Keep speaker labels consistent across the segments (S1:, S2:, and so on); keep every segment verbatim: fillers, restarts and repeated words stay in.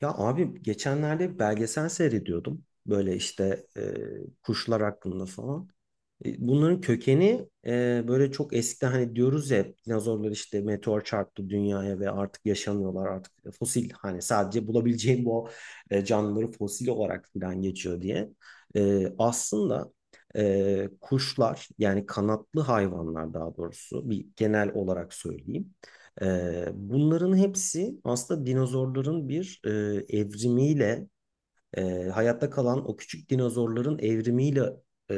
S1: Ya abi geçenlerde bir belgesel seyrediyordum. Böyle işte e, kuşlar hakkında falan. E, Bunların kökeni e, böyle çok eskiden hani diyoruz ya hep dinozorlar işte meteor çarptı dünyaya ve artık yaşamıyorlar artık fosil hani sadece bulabileceğim bu e, canlıları fosil olarak falan geçiyor diye. E, aslında e, kuşlar yani kanatlı hayvanlar daha doğrusu bir genel olarak söyleyeyim. E, bunların hepsi aslında dinozorların bir e, evrimiyle e, hayatta kalan o küçük dinozorların evrimiyle e,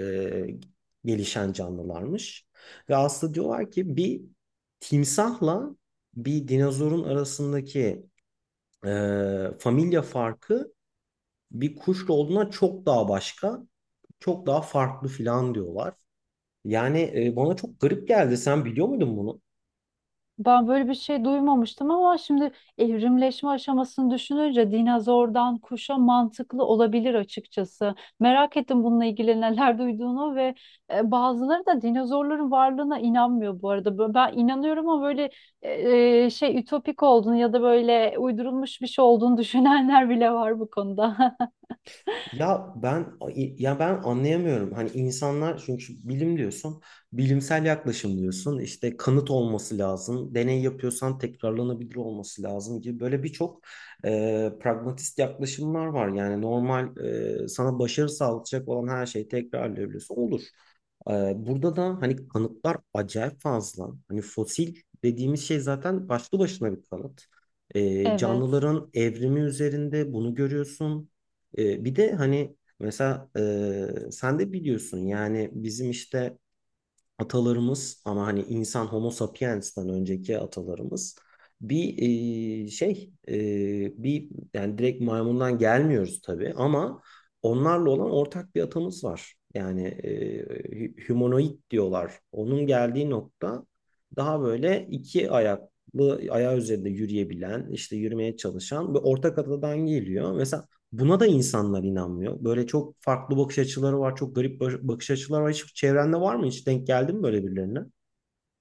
S1: gelişen canlılarmış. Ve aslında diyorlar ki bir timsahla bir dinozorun arasındaki e, familya farkı bir kuşla olduğuna çok daha başka, çok daha farklı filan diyorlar. Yani e, bana çok garip geldi. Sen biliyor muydun bunu?
S2: Ben böyle bir şey duymamıştım ama şimdi evrimleşme aşamasını düşününce dinozordan kuşa mantıklı olabilir açıkçası. Merak ettim bununla ilgili neler duyduğunu ve e, bazıları da dinozorların varlığına inanmıyor bu arada. Bö- Ben inanıyorum ama böyle e, e, şey ütopik olduğunu ya da böyle uydurulmuş bir şey olduğunu düşünenler bile var bu konuda.
S1: Ya ben ya ben anlayamıyorum. Hani insanlar çünkü bilim diyorsun, bilimsel yaklaşım diyorsun. İşte kanıt olması lazım. Deney yapıyorsan tekrarlanabilir olması lazım gibi böyle birçok e, pragmatist yaklaşımlar var. Yani normal e, sana başarı sağlayacak olan her şeyi tekrarlayabiliyorsun. Olur. E, burada da hani kanıtlar acayip fazla. Hani fosil dediğimiz şey zaten başlı başına bir kanıt. E,
S2: Evet.
S1: canlıların evrimi üzerinde bunu görüyorsun. E, bir de hani mesela e, sen de biliyorsun yani bizim işte atalarımız ama hani insan Homo sapiens'ten önceki atalarımız bir e, şey e, bir yani direkt maymundan gelmiyoruz tabii ama onlarla olan ortak bir atamız var. Yani e, hü- humanoid diyorlar. Onun geldiği nokta daha böyle iki ayaklı ayağı üzerinde yürüyebilen, işte yürümeye çalışan bir ortak atadan geliyor. Mesela buna da insanlar inanmıyor. Böyle çok farklı bakış açıları var, çok garip bakış açıları var. Hiç çevrende var mı? Hiç denk geldin mi böyle birilerine?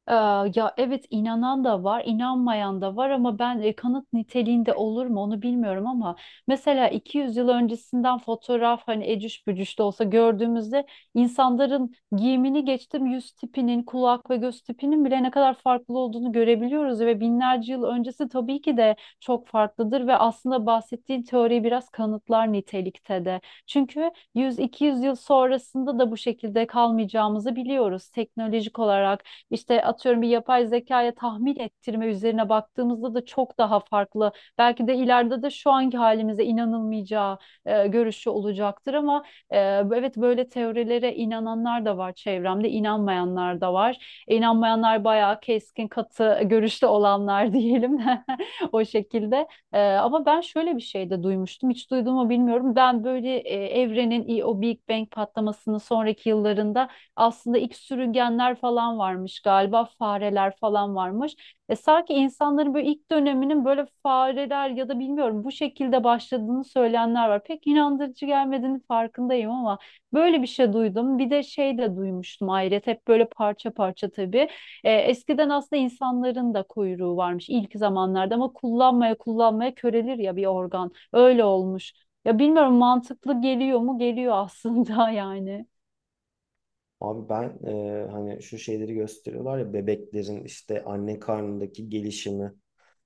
S2: Ee, Ya evet, inanan da var, inanmayan da var ama ben e, kanıt niteliğinde olur mu onu bilmiyorum ama mesela iki yüz yıl öncesinden fotoğraf hani ecüş bücüş de olsa gördüğümüzde insanların giyimini geçtim, yüz tipinin, kulak ve göz tipinin bile ne kadar farklı olduğunu görebiliyoruz ve binlerce yıl öncesi tabii ki de çok farklıdır ve aslında bahsettiğin teori biraz kanıtlar nitelikte de. Çünkü yüz iki yüz yıl sonrasında da bu şekilde kalmayacağımızı biliyoruz teknolojik olarak. İşte atıyorum, bir yapay zekaya tahmin ettirme üzerine baktığımızda da çok daha farklı. Belki de ileride de şu anki halimize inanılmayacağı e, görüşü olacaktır ama e, evet, böyle teorilere inananlar da var çevremde, inanmayanlar da var. İnanmayanlar bayağı keskin, katı görüşte olanlar diyelim de o şekilde. Ee, ama ben şöyle bir şey de duymuştum. Hiç duydum mu bilmiyorum. Ben böyle e, evrenin i- o Big Bang patlamasının sonraki yıllarında aslında ilk sürüngenler falan varmış galiba, fareler falan varmış. E sanki insanların böyle ilk döneminin böyle fareler ya da bilmiyorum bu şekilde başladığını söyleyenler var. Pek inandırıcı gelmediğini farkındayım ama böyle bir şey duydum. Bir de şey de duymuştum ayrıca, hep böyle parça parça tabii. E, eskiden aslında insanların da kuyruğu varmış ilk zamanlarda ama kullanmaya kullanmaya körelir ya bir organ. Öyle olmuş. Ya bilmiyorum, mantıklı geliyor mu? Geliyor aslında yani.
S1: Abi ben e, hani şu şeyleri gösteriyorlar ya bebeklerin işte anne karnındaki gelişimi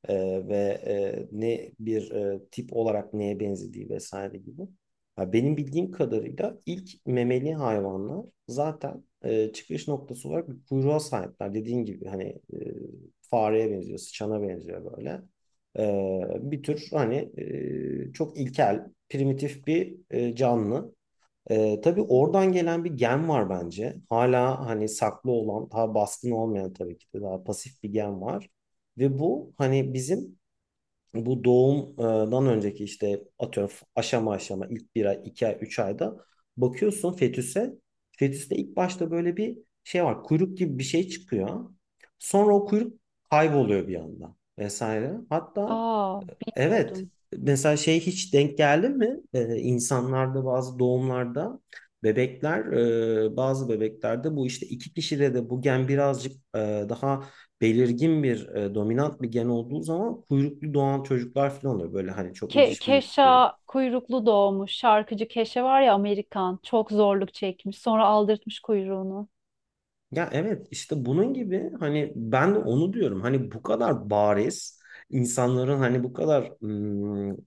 S1: E, ve e, ne bir e, tip olarak neye benzediği vesaire gibi. Ha, benim bildiğim kadarıyla ilk memeli hayvanlar zaten e, çıkış noktası olarak bir kuyruğa sahipler. Dediğin gibi hani e, fareye benziyor, sıçana benziyor böyle. E, bir tür hani e, çok ilkel, primitif bir e, canlı. Ee, tabii oradan gelen bir gen var bence. Hala hani saklı olan, daha baskın olmayan tabii ki de daha pasif bir gen var. Ve bu hani bizim bu doğumdan önceki işte atıyorum aşama aşama ilk bir ay, iki ay, üç ayda bakıyorsun fetüse. Fetüste ilk başta böyle bir şey var. Kuyruk gibi bir şey çıkıyor. Sonra o kuyruk kayboluyor bir anda vesaire. Hatta
S2: Aa,
S1: evet.
S2: bilmiyordum.
S1: Mesela şey hiç denk geldi mi? Ee, insanlarda bazı doğumlarda bebekler, e, bazı bebeklerde bu işte iki kişide de bu gen birazcık e, daha belirgin bir e, dominant bir gen olduğu zaman kuyruklu doğan çocuklar falan oluyor. Böyle hani çok
S2: Ke
S1: eciş büyük.
S2: Keşa kuyruklu doğmuş. Şarkıcı Keşe var ya, Amerikan. Çok zorluk çekmiş. Sonra aldırtmış kuyruğunu.
S1: Ya evet işte bunun gibi hani ben de onu diyorum. Hani bu kadar bariz insanların hani bu kadar ım,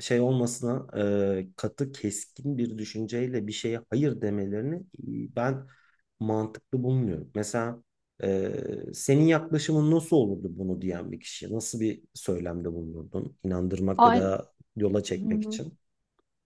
S1: şey olmasına e, katı keskin bir düşünceyle bir şeye hayır demelerini e, ben mantıklı bulmuyorum. Mesela e, senin yaklaşımın nasıl olurdu bunu diyen bir kişi? Nasıl bir söylemde bulunurdun? İnandırmak ya
S2: Ay,
S1: da yola
S2: Hı
S1: çekmek
S2: hı.
S1: için?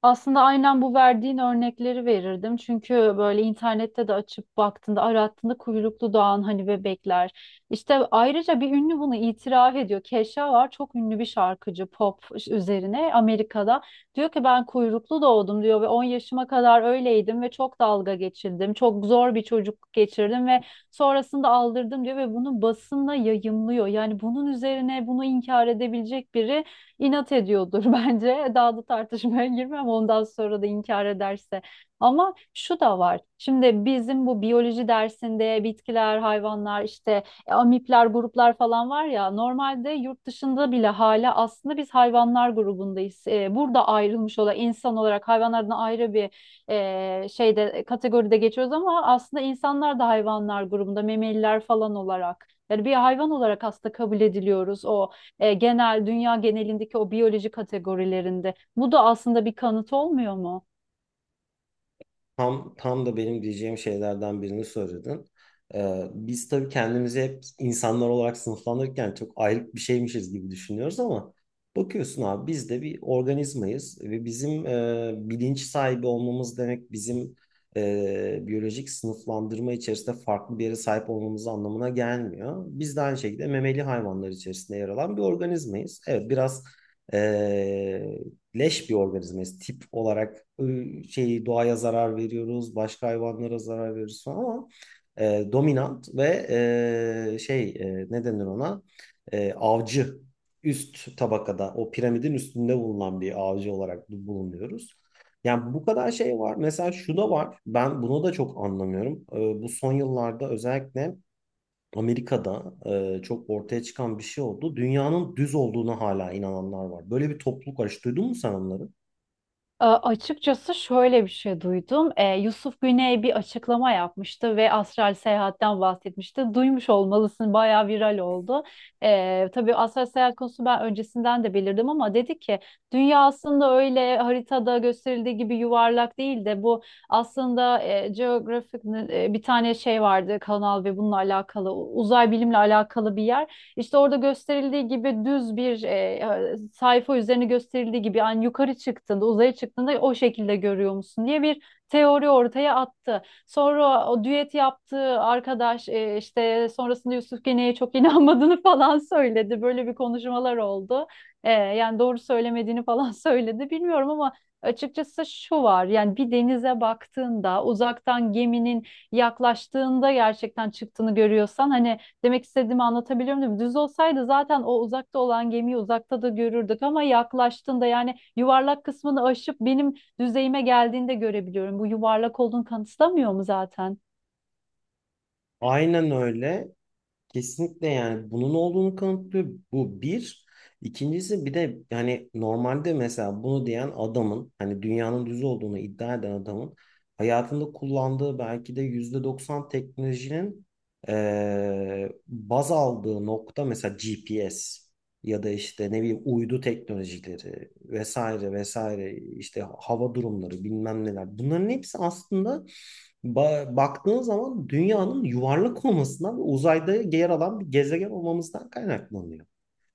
S2: Aslında aynen bu verdiğin örnekleri verirdim. Çünkü böyle internette de açıp baktığında, arattığında kuyruklu doğan hani bebekler. İşte ayrıca bir ünlü bunu itiraf ediyor. Kesha var, çok ünlü bir şarkıcı pop üzerine Amerika'da. Diyor ki ben kuyruklu doğdum diyor ve on yaşıma kadar öyleydim ve çok dalga geçildim. Çok zor bir çocukluk geçirdim ve sonrasında aldırdım diyor ve bunu basında yayımlıyor. Yani bunun üzerine bunu inkar edebilecek biri inat ediyordur bence. Daha da tartışmaya girmem ondan sonra da inkar ederse. Ama şu da var. Şimdi bizim bu biyoloji dersinde bitkiler, hayvanlar, işte e, amipler, gruplar falan var ya, normalde yurt dışında bile hala aslında biz hayvanlar grubundayız. E, burada ayrılmış olan insan olarak hayvanlardan ayrı bir e, şeyde, kategoride geçiyoruz ama aslında insanlar da hayvanlar grubunda, memeliler falan olarak. Yani bir hayvan olarak aslında kabul ediliyoruz o e, genel dünya genelindeki o biyoloji kategorilerinde. Bu da aslında bir kanıt olmuyor mu?
S1: Tam, tam da benim diyeceğim şeylerden birini söyledin. Ee, biz tabii kendimizi hep insanlar olarak sınıflandırırken çok ayrık bir şeymişiz gibi düşünüyoruz ama bakıyorsun abi biz de bir organizmayız ve bizim e, bilinç sahibi olmamız demek bizim e, biyolojik sınıflandırma içerisinde farklı bir yere sahip olmamız anlamına gelmiyor. Biz de aynı şekilde memeli hayvanlar içerisinde yer alan bir organizmayız. Evet, biraz e, leş bir organizmayız. Tip olarak e, şey doğaya zarar veriyoruz, başka hayvanlara zarar veriyoruz falan ama e, dominant ve e, şey e, ne denir ona? E, avcı üst tabakada o piramidin üstünde bulunan bir avcı olarak bulunuyoruz. Yani bu kadar şey var. Mesela şu da var. Ben bunu da çok anlamıyorum. E, bu son yıllarda özellikle Amerika'da e, çok ortaya çıkan bir şey oldu. Dünyanın düz olduğuna hala inananlar var. Böyle bir topluluk var. Hiç duydun mu sen onları?
S2: E, açıkçası şöyle bir şey duydum. E, Yusuf Güney bir açıklama yapmıştı ve astral seyahatten bahsetmişti. Duymuş olmalısın, bayağı viral oldu. E, tabii astral seyahat konusu ben öncesinden de belirdim ama dedi ki dünya aslında öyle haritada gösterildiği gibi yuvarlak değil de bu aslında e, Geographic e, bir tane şey vardı kanal ve bununla alakalı, uzay bilimle alakalı bir yer. İşte orada gösterildiği gibi düz bir e, sayfa üzerine gösterildiği gibi, yani yukarı çıktığında, uzaya çıktığında o şekilde görüyor musun diye bir teori ortaya attı. Sonra o düet yaptığı arkadaş e, işte sonrasında Yusuf Gene'ye çok inanmadığını falan söyledi. Böyle bir konuşmalar oldu. E, yani doğru söylemediğini falan söyledi. Bilmiyorum ama açıkçası şu var. Yani bir denize baktığında uzaktan geminin yaklaştığında gerçekten çıktığını görüyorsan hani. Demek istediğimi anlatabiliyor muyum? Düz olsaydı zaten o uzakta olan gemiyi uzakta da görürdük ama yaklaştığında, yani yuvarlak kısmını aşıp benim düzeyime geldiğinde görebiliyorum. Bu yuvarlak olduğunu kanıtlamıyor mu zaten?
S1: Aynen öyle. Kesinlikle yani bunun olduğunu kanıtlıyor. Bu bir. İkincisi bir de yani normalde mesela bunu diyen adamın hani dünyanın düz olduğunu iddia eden adamın hayatında kullandığı belki de yüzde doksan teknolojinin eee, baz aldığı nokta mesela G P S ya da işte ne bileyim uydu teknolojileri vesaire vesaire işte hava durumları bilmem neler. Bunların hepsi aslında Ba- baktığın zaman dünyanın yuvarlak olmasından ve uzayda yer alan bir gezegen olmamızdan kaynaklanıyor.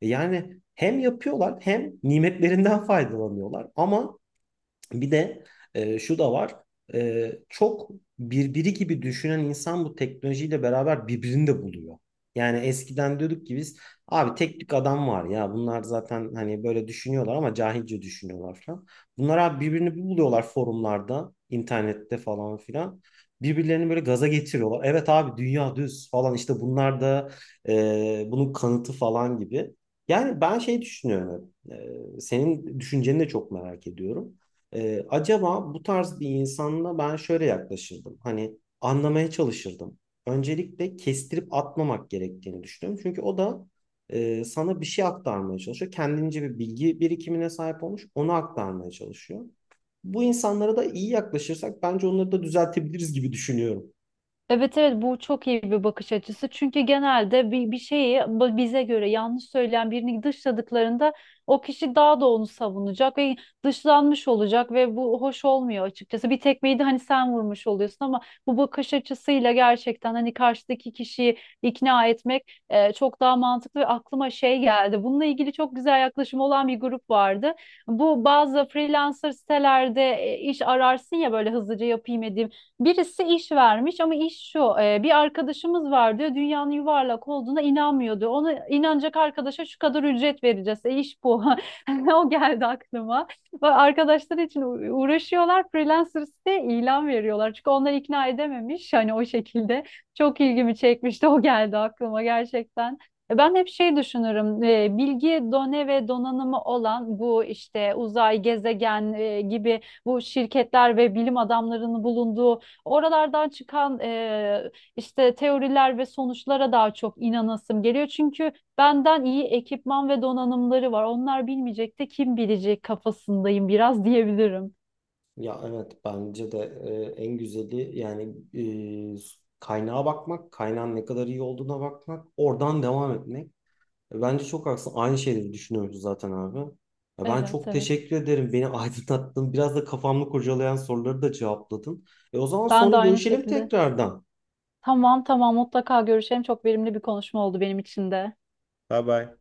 S1: E, Yani hem yapıyorlar hem nimetlerinden faydalanıyorlar ama bir de e, şu da var. E, çok birbiri gibi düşünen insan bu teknolojiyle beraber birbirini de buluyor. Yani eskiden diyorduk ki biz abi tek tük adam var ya bunlar zaten hani böyle düşünüyorlar ama cahilce düşünüyorlar falan. Bunlar abi birbirini buluyorlar forumlarda, internette falan filan. Birbirlerini böyle gaza getiriyorlar. Evet abi dünya düz falan işte bunlar da e, bunun kanıtı falan gibi. Yani ben şey düşünüyorum. E, senin düşünceni de çok merak ediyorum. Ee, acaba bu tarz bir insanla ben şöyle yaklaşırdım. Hani anlamaya çalışırdım. Öncelikle kestirip atmamak gerektiğini düşünüyorum. Çünkü o da e, sana bir şey aktarmaya çalışıyor. Kendince bir bilgi birikimine sahip olmuş. Onu aktarmaya çalışıyor. Bu insanlara da iyi yaklaşırsak bence onları da düzeltebiliriz gibi düşünüyorum.
S2: Evet, evet, bu çok iyi bir bakış açısı. Çünkü genelde bir, bir şeyi ba- bize göre yanlış söyleyen birini dışladıklarında o kişi daha da onu savunacak ve dışlanmış olacak ve bu hoş olmuyor açıkçası. Bir tekmeyi de hani sen vurmuş oluyorsun ama bu bakış açısıyla gerçekten hani karşıdaki kişiyi ikna etmek e, çok daha mantıklı ve aklıma şey geldi. Bununla ilgili çok güzel yaklaşım olan bir grup vardı. Bu bazı freelancer sitelerde e, iş ararsın ya, böyle hızlıca yapayım edeyim. Birisi iş vermiş ama iş şu: e, bir arkadaşımız var diyor, dünyanın yuvarlak olduğuna inanmıyor diyor. Ona inanacak arkadaşa şu kadar ücret vereceğiz. E, iş bu. O geldi aklıma. Bak, arkadaşlar için u- uğraşıyorlar. Freelancers'te ilan veriyorlar. Çünkü onları ikna edememiş. Hani o şekilde çok ilgimi çekmişti. O geldi aklıma gerçekten. E, Ben hep şey düşünürüm, e, bilgi done ve donanımı olan bu işte uzay, gezegen e, gibi bu şirketler ve bilim adamlarının bulunduğu oralardan çıkan e, işte teoriler ve sonuçlara daha çok inanasım geliyor. Çünkü benden iyi ekipman ve donanımları var. Onlar bilmeyecek de kim bilecek kafasındayım biraz diyebilirim.
S1: Ya evet, bence de e, en güzeli yani e, kaynağa bakmak, kaynağın ne kadar iyi olduğuna bakmak, oradan devam etmek. E, Bence çok haklısın. Aynı şeyleri düşünüyoruz zaten abi. Ya ben
S2: Evet,
S1: çok
S2: evet.
S1: teşekkür ederim. Beni aydınlattın. Biraz da kafamı kurcalayan soruları da cevapladın. E, o zaman
S2: Ben de
S1: sonra
S2: aynı
S1: görüşelim
S2: şekilde.
S1: tekrardan.
S2: Tamam, tamam, mutlaka görüşelim. Çok verimli bir konuşma oldu benim için de.
S1: Bye bye.